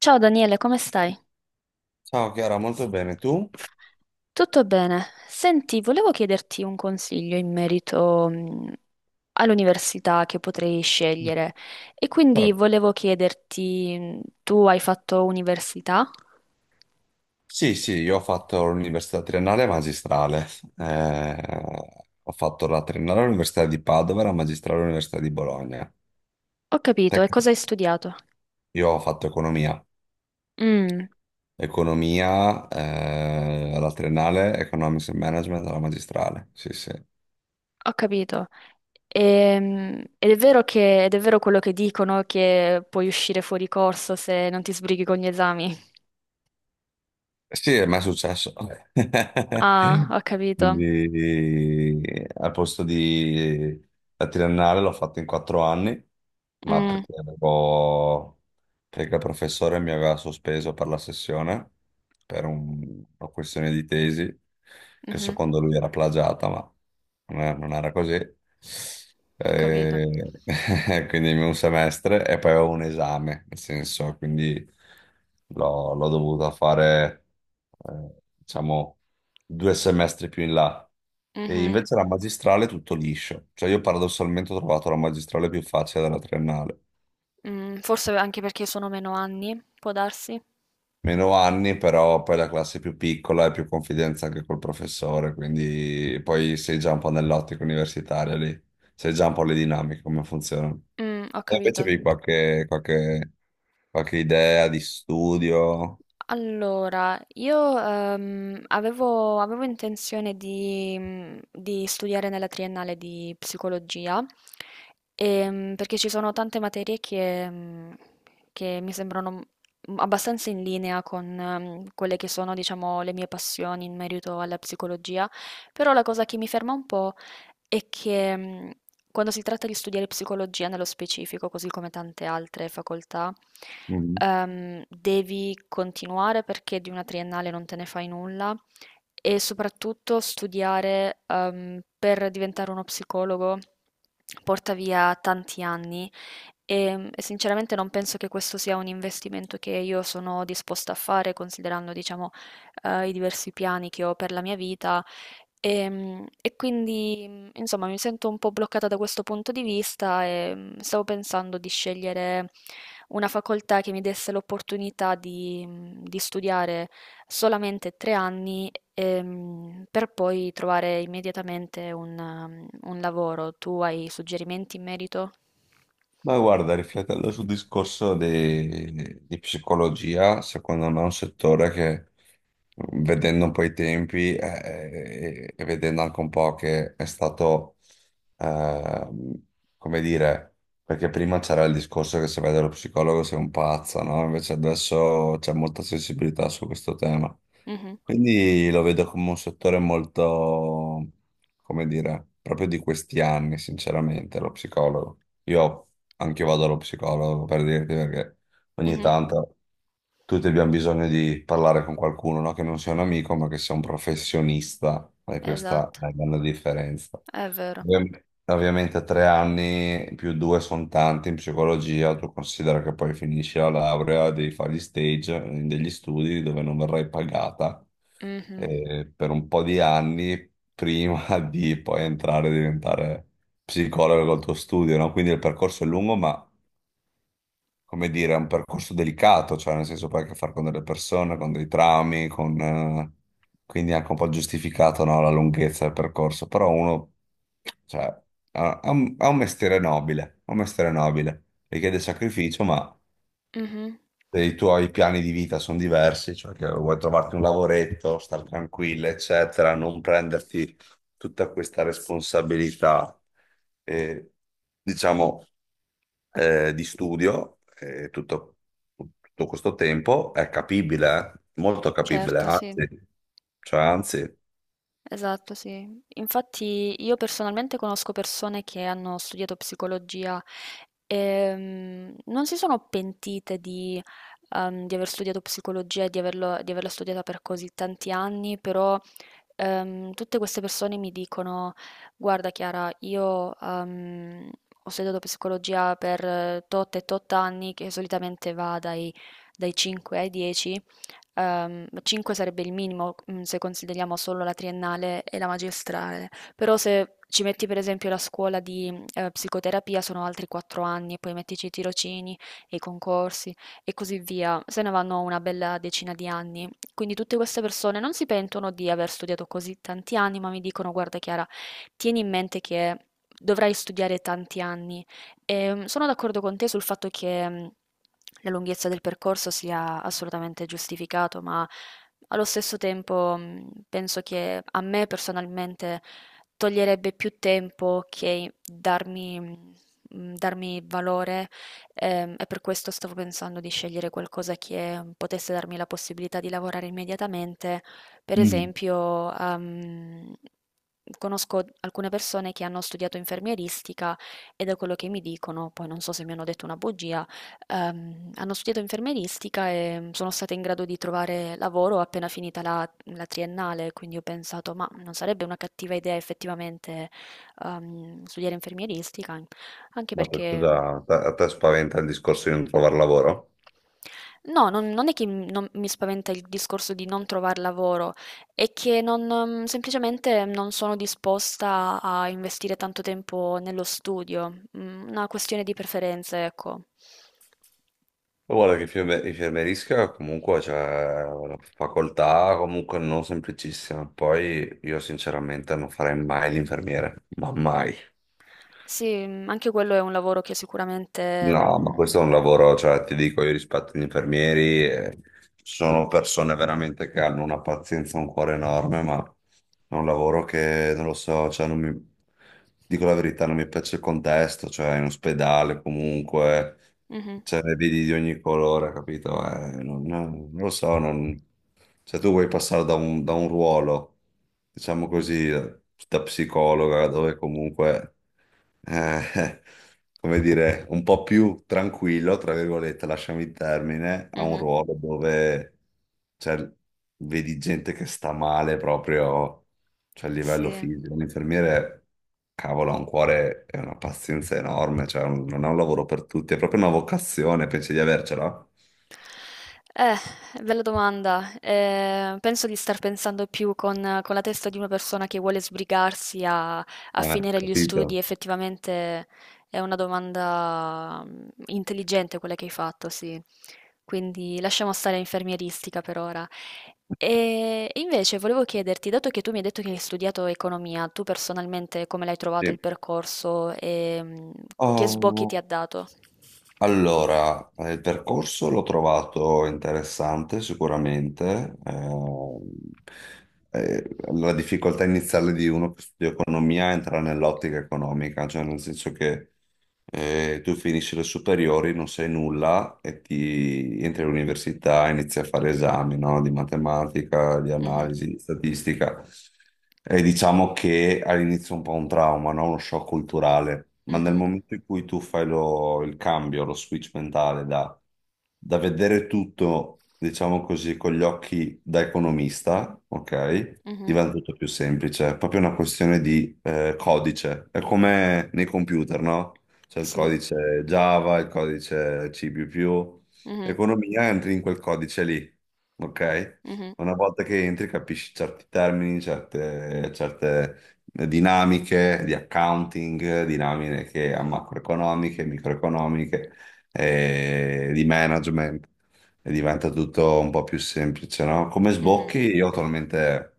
Ciao Daniele, come stai? Ciao Chiara, molto bene. Tu? Tutto bene. Senti, volevo chiederti un consiglio in merito all'università che potrei scegliere e quindi Vabbè. volevo chiederti, tu hai fatto università? Sì, sì, io ho fatto l'università triennale e magistrale. Eh, Ho fatto la triennale all'Università di Padova e la magistrale all'Università di Bologna. Ho capito, e Tec- cosa hai studiato? io ho fatto economia. Mm, Economia, alla triennale, economics and management alla magistrale. Sì, sì. Ho capito. Ed è vero quello che dicono che puoi uscire fuori corso se non ti sbrighi con gli esami. Sì, è mai successo. Ah, ho capito. Quindi al posto di la triennale l'ho fatta in 4 anni, ma Mm, perché avevo perché il professore mi aveva sospeso per la sessione per una questione di tesi che mhm, secondo lui era plagiata, ma non era così. Ho capito. E- quindi un semestre e poi avevo un esame, nel senso, quindi l'ho dovuto fare, eh, diciamo, 2 semestri più in là. E Mhm. invece la magistrale è tutto liscio, cioè io paradossalmente ho trovato la magistrale più facile della triennale. Mhmm, Forse anche perché sono meno anni, può darsi? Meno anni, però poi la classe è più piccola e più confidenza anche col professore, quindi poi sei già un po' nell'ottica universitaria lì, sei già un po' le dinamiche, come funzionano. Ho E invece capito. avevi qualche idea di studio? Allora, io, avevo intenzione di studiare nella triennale di psicologia, perché ci sono tante materie che mi sembrano, abbastanza in linea con quelle che sono, diciamo, le mie passioni in merito alla psicologia, però la cosa che mi ferma un po' è che quando si tratta di studiare psicologia nello specifico, così come tante altre facoltà, Mhm. Devi continuare perché di una triennale non te ne fai nulla e soprattutto studiare per diventare uno psicologo porta via tanti anni e sinceramente non penso che questo sia un investimento che io sono disposta a fare considerando, diciamo, i diversi piani che ho per la mia vita. E, quindi, insomma, mi sento un po' bloccata da questo punto di vista e stavo pensando di scegliere una facoltà che mi desse l'opportunità di studiare solamente 3 anni per poi trovare immediatamente un lavoro. Tu hai suggerimenti in merito? Ma guarda, riflettendo sul discorso di psicologia, secondo me è un settore che, vedendo un po' i tempi e vedendo anche un po' che è stato, ehm, come dire, perché prima c'era il discorso che se vede lo psicologo sei un pazzo, no? Invece adesso c'è molta sensibilità su questo tema. Mhm, Quindi lo vedo come un settore molto, come dire, proprio di questi anni, sinceramente, lo psicologo. Io Anche io vado allo psicologo per dirti perché ogni mhm. tanto tutti abbiamo bisogno di parlare con qualcuno, no? Che non sia un amico, ma che sia un professionista, e questa è Esatto, la grande differenza. è vero. Ovviamente 3 anni più due sono tanti in psicologia, tu considera che poi finisci la laurea, devi fare gli stage, degli studi dove non verrai pagata Mhm, per un po' di anni prima di poi entrare e diventare psicologo col tuo studio, no? Quindi il percorso è lungo, ma come dire, è un percorso delicato, cioè nel senso poi hai a che fare con delle persone, con dei traumi, quindi è anche un po' giustificato, no, la lunghezza del percorso, però uno, cioè, ha un mestiere nobile, ha un mestiere nobile, richiede sacrificio, ma mhm. se i tuoi piani di vita sono diversi, cioè che vuoi trovarti un lavoretto, star tranquilla, eccetera, non prenderti tutta questa responsabilità, eh, diciamo, di studio, tutto questo tempo è capibile, eh? Molto capibile, Certo, sì. anzi, cioè, anzi. Esatto, sì. Infatti io personalmente conosco persone che hanno studiato psicologia e non si sono pentite di aver studiato psicologia e di averla studiata per così tanti anni, però tutte queste persone mi dicono, guarda Chiara, io ho studiato psicologia per tot e tot anni, che solitamente va dai 5 ai 10. 5 sarebbe il minimo, se consideriamo solo la triennale e la magistrale, però se ci metti per esempio la scuola di psicoterapia sono altri 4 anni e poi mettici i tirocini e i concorsi e così via, se ne vanno una bella decina di anni. Quindi tutte queste persone non si pentono di aver studiato così tanti anni, ma mi dicono: "Guarda Chiara, tieni in mente che dovrai studiare tanti anni." Sono d'accordo con te sul fatto che la lunghezza del percorso sia assolutamente giustificato, ma allo stesso tempo penso che a me personalmente toglierebbe più tempo che darmi valore, e per questo stavo pensando di scegliere qualcosa che potesse darmi la possibilità di lavorare immediatamente. Per Mm. esempio, conosco alcune persone che hanno studiato infermieristica e da quello che mi dicono, poi non so se mi hanno detto una bugia, hanno studiato infermieristica e sono stata in grado di trovare lavoro appena finita la triennale, quindi ho pensato, ma non sarebbe una cattiva idea effettivamente studiare infermieristica, anche Ma scusa, perché. a te spaventa il discorso di non trovare lavoro? No, non è che m non mi spaventa il discorso di non trovar lavoro, è che non, semplicemente non sono disposta a investire tanto tempo nello studio, una questione di preferenze, ecco. Ma guarda che infermerisca comunque c'è una facoltà comunque non semplicissima. Poi io sinceramente non farei mai l'infermiere, ma mai. Sì, anche quello è un lavoro che sicuramente No, ma mhmm questo è un lavoro, cioè ti dico, io rispetto gli infermieri, sono persone veramente che hanno una pazienza, e un cuore enorme, ma è un lavoro che non lo so, cioè non mi, dico la verità, non mi piace il contesto, cioè in ospedale comunque, Mh-mh, cioè ne vedi di ogni colore, capito? Non lo so, non, cioè tu vuoi passare da un ruolo, diciamo così, da psicologa, dove comunque eh, come dire, un po' più tranquillo, tra virgolette, lasciami il termine, a un mh-mh, ruolo dove cioè, vedi gente che sta male proprio cioè, a livello sì. fisico. Un infermiere, cavolo, ha un cuore e una pazienza enorme, cioè, non è un lavoro per tutti, è proprio una vocazione, pensi di avercela? Eh, bella domanda. Penso di star pensando più con la testa di una persona che vuole sbrigarsi a finire gli studi. Capito? Effettivamente è una domanda intelligente quella che hai fatto, sì. Quindi lasciamo stare infermieristica per ora. E invece volevo chiederti, dato che tu mi hai detto che hai studiato economia, tu personalmente come l'hai trovato il Sì. percorso e che sbocchi ti ha Oh, dato? allora, il percorso l'ho trovato interessante sicuramente. La difficoltà iniziale di uno che studia economia entra nell'ottica economica, cioè nel senso che tu finisci le superiori, non sai nulla e ti entri all'università, inizi a fare esami, no? Di matematica, di Mhm, analisi, di statistica. E diciamo che all'inizio è un po' un trauma, no? Uno shock culturale, ma nel mhm, momento in cui tu fai il cambio, lo switch mentale da, da vedere tutto, diciamo così, con gli occhi da economista, ok? mhm. Diventa tutto più semplice, è proprio una questione di codice, è come nei computer, no? C'è il Sì. codice Java, il codice C++, più più. Mh-mh. Economia entri in quel codice lì, ok? Mh-mh. Una volta che entri capisci certi termini, certe dinamiche di accounting, dinamiche macroeconomiche, microeconomiche, di management e diventa tutto un po' più semplice, no? Come Mh-mh. sbocchi, io attualmente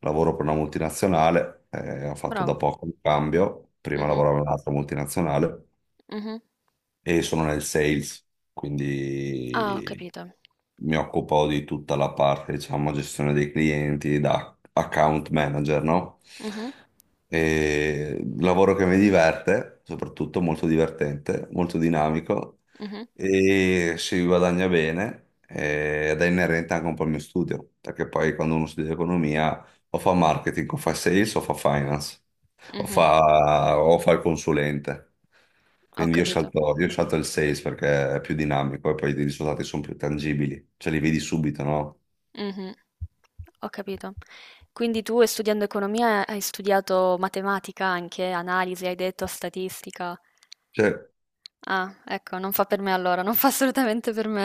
lavoro per una multinazionale, ho fatto da Brava. poco un cambio, prima Mh-mh. lavoravo in un'altra multinazionale Mh-mh. e sono nel sales, Ah, ho quindi capito. mi occupo di tutta la parte, diciamo, gestione dei clienti da account manager, no? Mh-mh. E lavoro che mi diverte, soprattutto molto divertente, molto dinamico Mh-mh. e si guadagna bene ed è inerente anche un po' al mio studio, perché poi quando uno studia economia o fa marketing, o fa sales, o fa finance, Mh-mh. O fa il consulente. Ho Quindi io capito. scelto, io scelto il sales perché è più dinamico e poi i risultati sono più tangibili, cioè li vedi subito, no? Mh-mh. Ho capito. Quindi tu, studiando economia, hai studiato matematica anche, analisi, hai detto, statistica. Cioè, Ah, ecco, non fa per me allora, non fa assolutamente per me.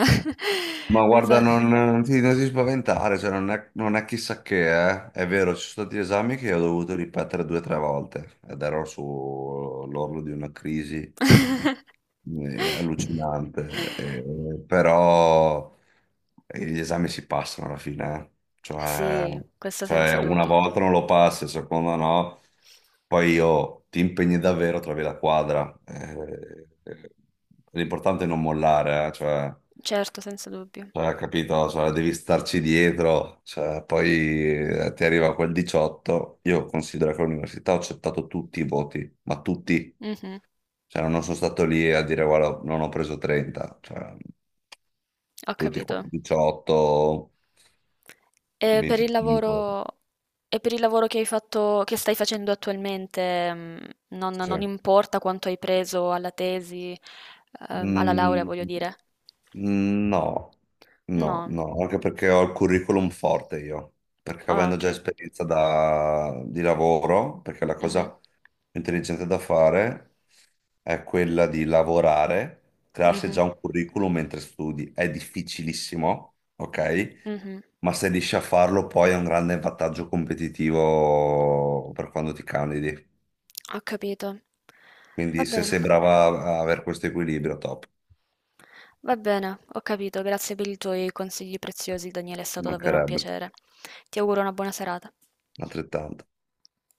ma Mi guarda, sa. non ti spaventare, cioè, non è chissà che, eh. È vero, ci sono stati esami che ho dovuto ripetere 2 o 3 volte ed ero sull'orlo di una crisi. È allucinante, però gli esami si passano alla fine, eh. Cioè, Sì, questo senza cioè, una dubbio. volta non lo passi, seconda no, poi io ti impegni davvero, trovi la quadra. L'importante è non mollare, Certo, senza dubbio. cioè, capito? Cioè, devi starci dietro, cioè, poi ti arriva quel 18, io considero che all'università ho accettato tutti i voti, ma tutti. Mh-mh. Cioè, non sono stato lì a dire, guarda, non ho preso 30, cioè, Ho tutti qua, capito. 18, E per il 25. lavoro, e per il lavoro che hai fatto, che stai facendo attualmente, non, Sì. non importa quanto hai preso alla tesi, alla laurea, Mm, voglio dire. no, no, No, no, anche perché ho il curriculum forte io, perché ah, avendo già ok. esperienza di lavoro, perché la cosa Mhm, più intelligente da fare è quella di lavorare, crearsi mhm, già un curriculum mentre studi. È difficilissimo, ok? mhm. Ma se riesci a farlo poi è un grande vantaggio competitivo per quando ti candidi. Ho capito. Va Quindi se bene, sei brava a avere questo equilibrio, top, va bene, ho capito. Grazie per i tuoi consigli preziosi, Daniele, è ci stato davvero un mancherebbe piacere. Ti auguro una buona serata. altrettanto.